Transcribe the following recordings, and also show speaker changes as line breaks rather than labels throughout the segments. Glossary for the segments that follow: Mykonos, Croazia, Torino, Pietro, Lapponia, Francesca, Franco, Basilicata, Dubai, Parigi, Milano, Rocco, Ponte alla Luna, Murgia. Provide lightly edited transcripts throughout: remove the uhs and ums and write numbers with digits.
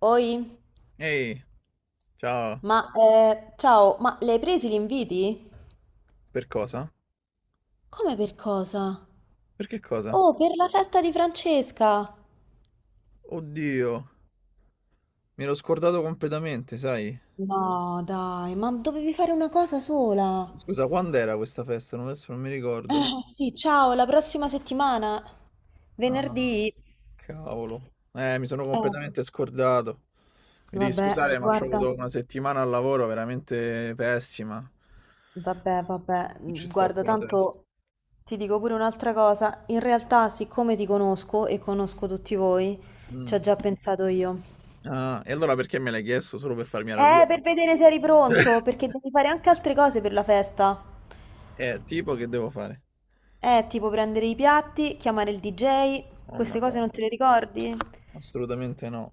Oi,
Ehi, ciao.
ma ciao, ma le hai presi gli inviti?
Per cosa?
Come per cosa?
Per che cosa?
Oh, per la festa di Francesca!
Oddio, mi ero scordato completamente, sai?
No, dai, ma dovevi fare una cosa sola.
Scusa, quando era questa festa? Non, Adesso non mi ricordo.
Sì, ciao, la prossima settimana.
Ah,
Venerdì.
cavolo. Mi sono
Eh,
completamente scordato. Mi devi
vabbè,
scusare, ma c'ho
guarda,
avuto una settimana al lavoro veramente pessima. Non ci sto con la testa.
tanto ti dico pure un'altra cosa. In realtà, siccome ti conosco e conosco tutti voi, ci
Mm.
ho già pensato io.
Ah, e allora perché me l'hai chiesto? Solo per farmi arrabbiare?
Per vedere se eri pronto, perché devi fare anche altre cose per la festa.
Tipo che devo fare?
Tipo prendere i piatti, chiamare il DJ,
Oh,
queste cose
madonna.
non te le ricordi?
Assolutamente no.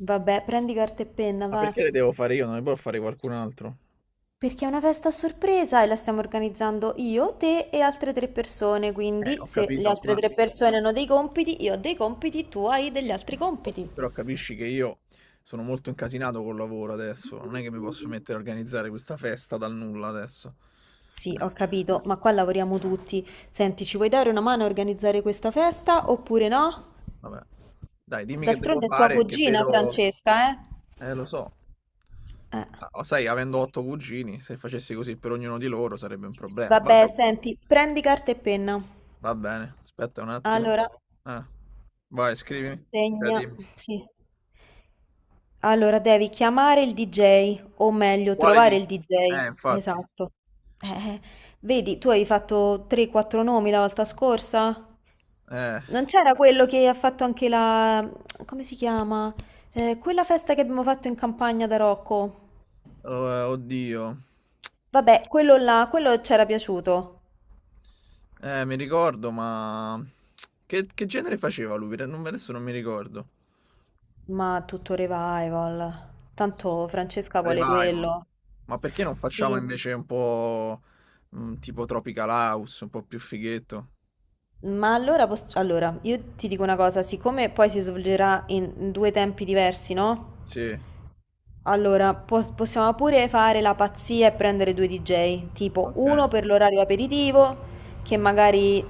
Vabbè, prendi carta e penna,
Ma
va.
perché le devo fare io? Non le può fare qualcun altro?
Perché è una festa a sorpresa e la stiamo organizzando io, te e altre tre persone, quindi
Ho
se le
capito,
altre
ma
tre persone hanno dei compiti, io ho dei compiti, tu hai degli altri
oh,
compiti.
però capisci che io sono molto incasinato col lavoro adesso, non è che mi posso mettere a organizzare questa festa dal nulla adesso.
Sì,
Eh,
ho capito, ma qua lavoriamo tutti. Senti, ci vuoi dare una mano a organizzare questa festa oppure no?
vabbè. Dai, dimmi che devo
D'altronde è tua
fare, che
cugina,
vedo...
Francesca, eh?
Lo so.
Eh.
Ah, oh, sai, avendo otto cugini, se facessi così per ognuno di loro sarebbe un problema. Vabbè,
Vabbè, senti, prendi carta e penna.
va bene, aspetta un attimo.
Allora,
Ah, vai, scrivimi. Cioè,
segna.
dimmi.
Sì. Allora, devi chiamare il DJ, o meglio,
Quale
trovare
di...
il DJ.
Infatti.
Esatto. Eh. Vedi, tu hai fatto 3-4 nomi la volta scorsa?
Eh,
Non c'era quello che ha fatto anche la... Come si chiama? Quella festa che abbiamo fatto in campagna da Rocco.
oh, oddio.
Vabbè, quello là, quello c'era piaciuto.
Mi ricordo, ma... Che genere faceva lui? Perché non- Adesso non mi ricordo.
Ma tutto revival. Tanto Francesca vuole
Revival.
quello.
Ma perché non facciamo
Sì,
invece un po' tipo Tropical House, un po' più fighetto?
ma allora, io ti dico una cosa, siccome poi si svolgerà in due tempi diversi, no?
Sì,
Allora, possiamo pure fare la pazzia e prendere due DJ, tipo
ok.
uno per l'orario aperitivo, che magari,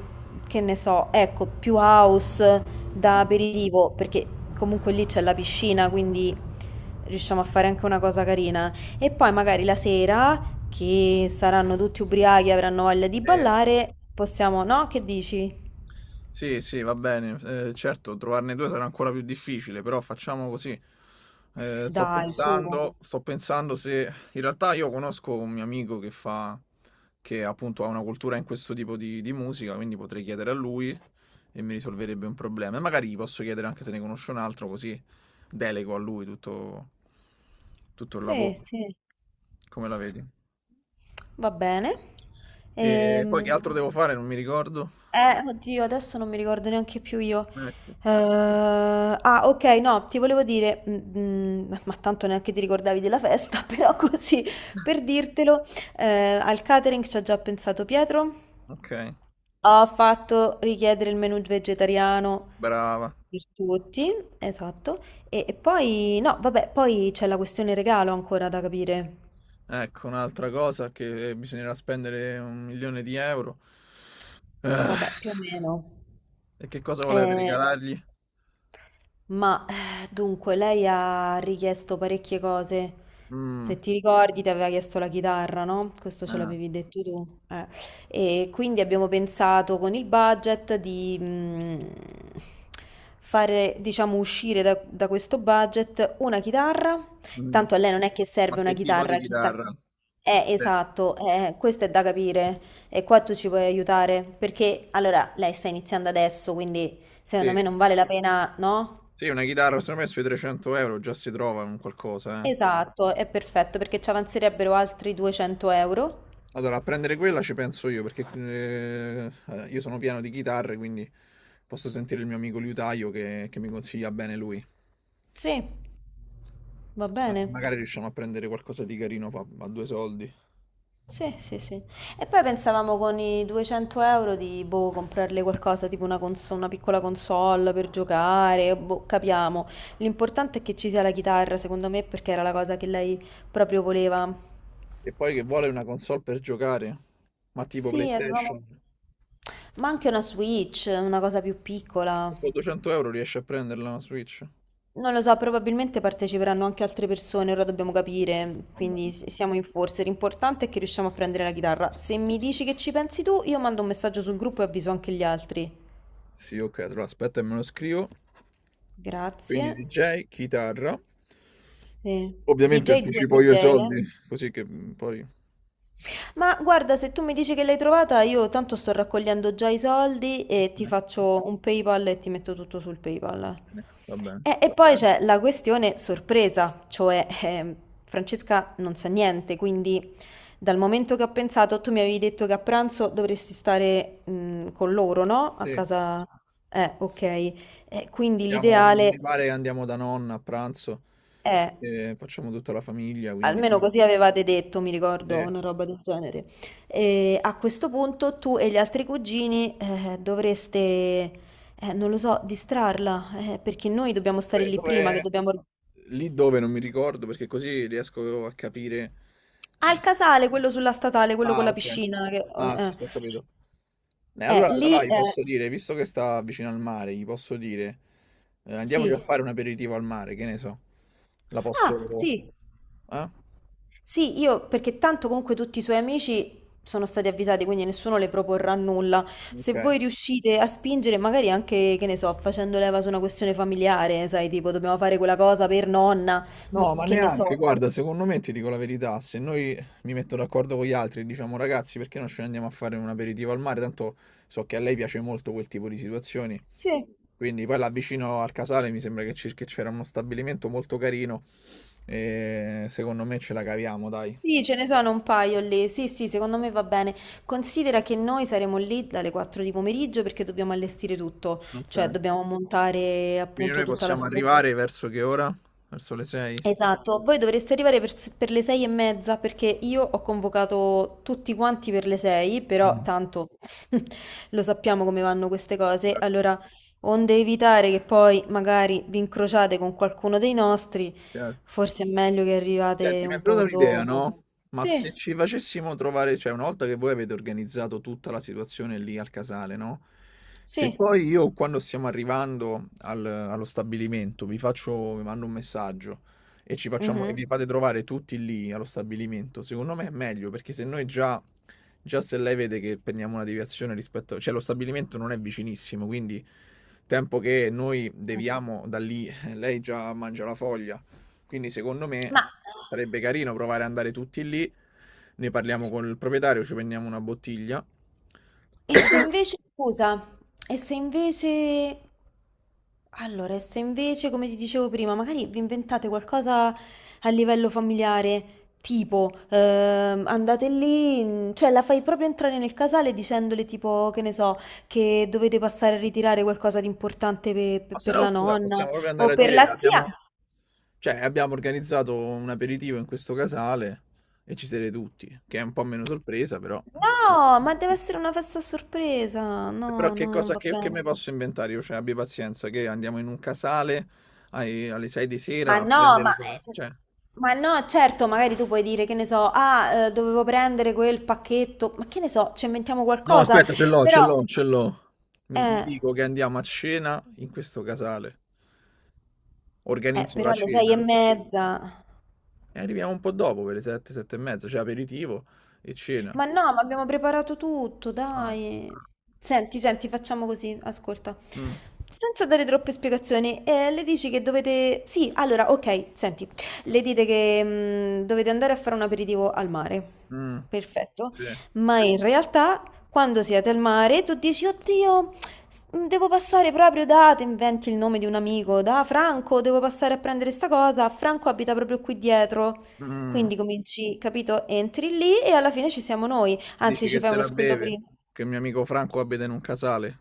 che ne so, ecco, più house da
Mm,
aperitivo, perché comunque lì c'è la piscina, quindi riusciamo a fare anche una cosa carina. E poi magari la sera, che saranno tutti ubriachi e avranno voglia di
sì.
ballare, possiamo, no? Che dici?
Sì, sì, va bene. Certo, trovarne due sarà ancora più difficile, però facciamo così. Eh, sto
Dai, su.
pensando, sto pensando se... In realtà io conosco un mio amico che fa... che appunto ha una cultura in questo tipo di musica, quindi potrei chiedere a lui e mi risolverebbe un problema. E magari gli posso chiedere anche se ne conosce un altro, così delego a lui tutto, tutto il
Sì,
lavoro.
sì.
Come la vedi?
Va bene.
E poi che altro
Ehm,
devo fare? Non mi ricordo.
Oddio, adesso non mi ricordo neanche più io.
Ecco.
Ah, ok, no, ti volevo dire, ma tanto neanche ti ricordavi della festa, però così per dirtelo, al catering ci ha già pensato Pietro.
Ok,
Ho fatto richiedere il menù vegetariano
brava.
per tutti, esatto. E poi, no, vabbè, poi c'è la questione regalo ancora da capire.
Ecco, un'altra cosa che bisognerà spendere un milione di euro. Ah,
Vabbè, più o meno.
e che cosa volete
Eh,
regalargli?
Ma dunque, lei ha richiesto parecchie cose. Se
Mm,
ti ricordi, ti aveva chiesto la chitarra, no? Questo ce
ah,
l'avevi detto tu. Eh. E quindi abbiamo pensato con il budget di fare, diciamo, uscire da questo budget una chitarra.
mm.
Tanto a lei non è che
Ma
serve una
che tipo di
chitarra, chissà.
chitarra? Eh,
Esatto, questo è da capire e qua tu ci puoi aiutare perché allora lei sta iniziando adesso, quindi secondo me
Sì,
non vale la pena, no?
sì, una chitarra, secondo me sui 300 euro già si trova un qualcosa, eh.
Esatto, è perfetto perché ci avanzerebbero altri 200 euro.
Allora, a prendere quella ci penso io, perché io sono pieno di chitarre, quindi posso sentire il mio amico liutaio che mi consiglia bene lui.
Sì, va bene.
Magari riusciamo a prendere qualcosa di carino a due soldi.
Sì, sì, sì. E poi pensavamo con i 200 euro di, boh, comprarle qualcosa, tipo una piccola console per giocare, boh, capiamo. L'importante è che ci sia la chitarra, secondo me, perché era la cosa che lei proprio voleva.
E poi che vuole una console per giocare? Ma tipo
Sì, avevamo...
PlayStation,
Ma anche una Switch, una cosa più piccola.
con 200 euro riesci a prenderla una Switch?
Non lo so, probabilmente parteciperanno anche altre persone, ora dobbiamo capire,
Va
quindi
bene.
siamo in forze. L'importante è che riusciamo a prendere la chitarra. Se mi dici che ci pensi tu, io mando un messaggio sul gruppo e avviso anche gli altri.
Sì, ok, allora aspetta e me lo scrivo. Quindi
Grazie.
DJ, chitarra.
Sì.
Ovviamente
DJ 2
anticipo io
DJ,
i
eh?
soldi, così che mm, poi...
Ma guarda, se tu mi dici che l'hai trovata, io tanto sto raccogliendo già i soldi e ti
Eh,
faccio un PayPal e ti metto tutto sul
va
PayPal.
bene, va bene.
E va poi bene. C'è la questione sorpresa, cioè Francesca non sa niente, quindi dal momento che ho pensato, tu mi avevi detto che a pranzo dovresti stare con loro, no? A
Sì,
casa... ok. Quindi l'ideale
mi pare che andiamo da nonna a pranzo,
è...
e facciamo tutta la famiglia, quindi...
Almeno così avevate detto, mi
Sì,
ricordo, una roba del genere. E a questo punto tu e gli altri cugini dovreste, non lo so, distrarla, perché noi dobbiamo stare
Dove-
lì prima, che
dove-
dobbiamo...
Lì dove non mi ricordo, perché così riesco a capire...
Ah,
eh,
il casale, quello sulla statale, quello con
ah,
la
ok.
piscina. Che...
Ah, sì, sì, ho capito. Eh, allora, allora
Lì...
gli posso dire, visto che sta vicino al mare, gli posso dire, andiamoci a
sì.
fare un aperitivo al mare, che ne so. La posso...
Ah, sì.
Eh?
Sì, io perché tanto comunque tutti i suoi amici sono stati avvisati, quindi nessuno le proporrà nulla. Se
Ok.
voi riuscite a spingere, magari anche, che ne so, facendo leva su una questione familiare, sai, tipo dobbiamo fare quella cosa per nonna, mo,
No, ma
che ne
neanche,
so.
guarda, secondo me ti dico la verità, se noi mi metto d'accordo con gli altri e diciamo ragazzi, perché non ce ne andiamo a fare un aperitivo al mare? Tanto so che a lei piace molto quel tipo di situazioni.
Sì.
Quindi poi là vicino al Casale mi sembra che che c'era uno stabilimento molto carino e secondo me ce la caviamo, dai.
Sì, ce ne sono un paio lì. Sì, sì, secondo me va bene. Considera che noi saremo lì dalle 4 di pomeriggio perché dobbiamo allestire tutto, cioè
Ok.
dobbiamo montare
Quindi
appunto
noi
tutta la
possiamo arrivare
situazione.
verso che ora? Verso le 6?
Esatto, voi dovreste arrivare per le 6:30 perché io ho convocato tutti quanti per le 6, però tanto lo sappiamo come vanno queste cose, allora onde evitare che poi magari vi incrociate con qualcuno dei nostri,
Certo.
forse è meglio che
Senti,
arrivate
mi è
un
venuta
po'
un'idea,
dopo.
no? Ma se
Sì,
ci facessimo trovare, cioè una volta che voi avete organizzato tutta la situazione lì al casale, no? Se
sì.
poi io quando stiamo arrivando allo stabilimento vi faccio, vi mando un messaggio e ci facciamo, e
Mhm.
vi fate trovare tutti lì allo stabilimento, secondo me è meglio perché se noi già, già se lei vede che prendiamo una deviazione rispetto, cioè lo stabilimento non è vicinissimo, quindi tempo che noi deviamo da lì, lei già mangia la foglia, quindi secondo me
Ma
sarebbe carino provare ad andare tutti lì, ne parliamo col proprietario, ci prendiamo una bottiglia.
E se invece, scusa, e se invece, e se invece, come ti dicevo prima, magari vi inventate qualcosa a livello familiare, tipo, andate lì, cioè la fai proprio entrare nel casale dicendole tipo, che ne so, che dovete passare a ritirare qualcosa di importante
Ma se
per
no,
la
scusa,
nonna
possiamo proprio andare
o
a
per
dire,
la zia.
cioè, abbiamo organizzato un aperitivo in questo casale e ci siete tutti, che è un po' meno sorpresa, però...
No, ma deve essere una festa a sorpresa.
Però
No, no, non va
che
bene.
mi posso inventare io? Cioè, abbi pazienza, che andiamo in un casale alle 6 di
Ma
sera a
no,
prendere le cose, cioè...
ma no, certo, magari tu puoi dire che ne so, ah, dovevo prendere quel pacchetto, ma che ne so, ci inventiamo
No,
qualcosa,
aspetta, ce l'ho,
però,
ce l'ho, ce l'ho. Gli
eh,
dico che andiamo a cena in questo casale. Organizzo la
però alle sei e
cena
mezza.
e arriviamo un po' dopo per le 7, 7 e mezza, cioè aperitivo e cena.
Ma no, ma abbiamo preparato tutto,
Ah.
dai. Senti, senti, facciamo così, ascolta.
Mh.
Senza dare troppe spiegazioni, le dici che dovete... Sì, allora, ok, senti. Le dite che dovete andare a fare un aperitivo al mare.
Mh.
Perfetto.
Sì.
Ma in realtà, quando siete al mare, tu dici, oddio, devo passare proprio da... Te inventi il nome di un amico, da Franco, devo passare a prendere sta cosa. Franco abita proprio qui dietro.
Mh.
Quindi cominci, capito? Entri lì e alla fine ci siamo noi.
Dici
Anzi,
che
ci fai
se
uno
la
squillo
beve,
prima.
che il mio amico Franco abita in un casale.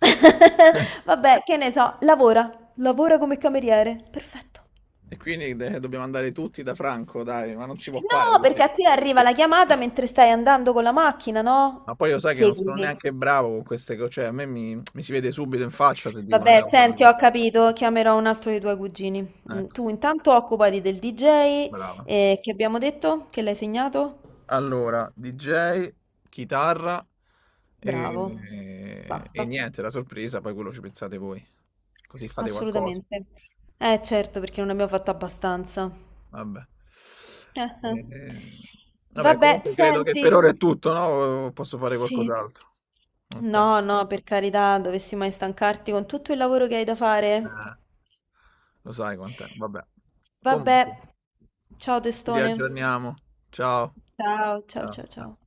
Vabbè, che ne so, lavora come cameriere. Perfetto.
E quindi de dobbiamo andare tutti da Franco dai, ma non si può fare
No, perché
così.
a te arriva la chiamata mentre stai andando con la macchina,
Ma
no?
poi lo sai che non sono
Seguimi.
neanche bravo con queste co cioè a me mi si vede subito in faccia se dico una
Vabbè,
cavolata.
senti, ho capito, chiamerò un altro dei tuoi cugini.
Ecco,
Tu intanto occupati del DJ,
brava.
che abbiamo detto? Che l'hai segnato?
Allora, DJ, chitarra
Bravo,
e
basta.
niente, la sorpresa, poi quello ci pensate voi. Così fate qualcosa.
Assolutamente. Eh certo, perché non abbiamo fatto abbastanza.
Vabbè.
Ah-ah.
Eh, vabbè,
Vabbè,
comunque credo che
senti,
per ora è tutto, no? Posso fare
sì.
qualcos'altro. Ok.
No, no, per carità, dovessi mai stancarti con tutto il lavoro che hai da fare.
Eh, lo sai quant'è. Vabbè. Comunque,
Vabbè, ciao
ci
testone.
riaggiorniamo. Ciao.
Ciao, ciao,
Ciao.
ciao, ciao.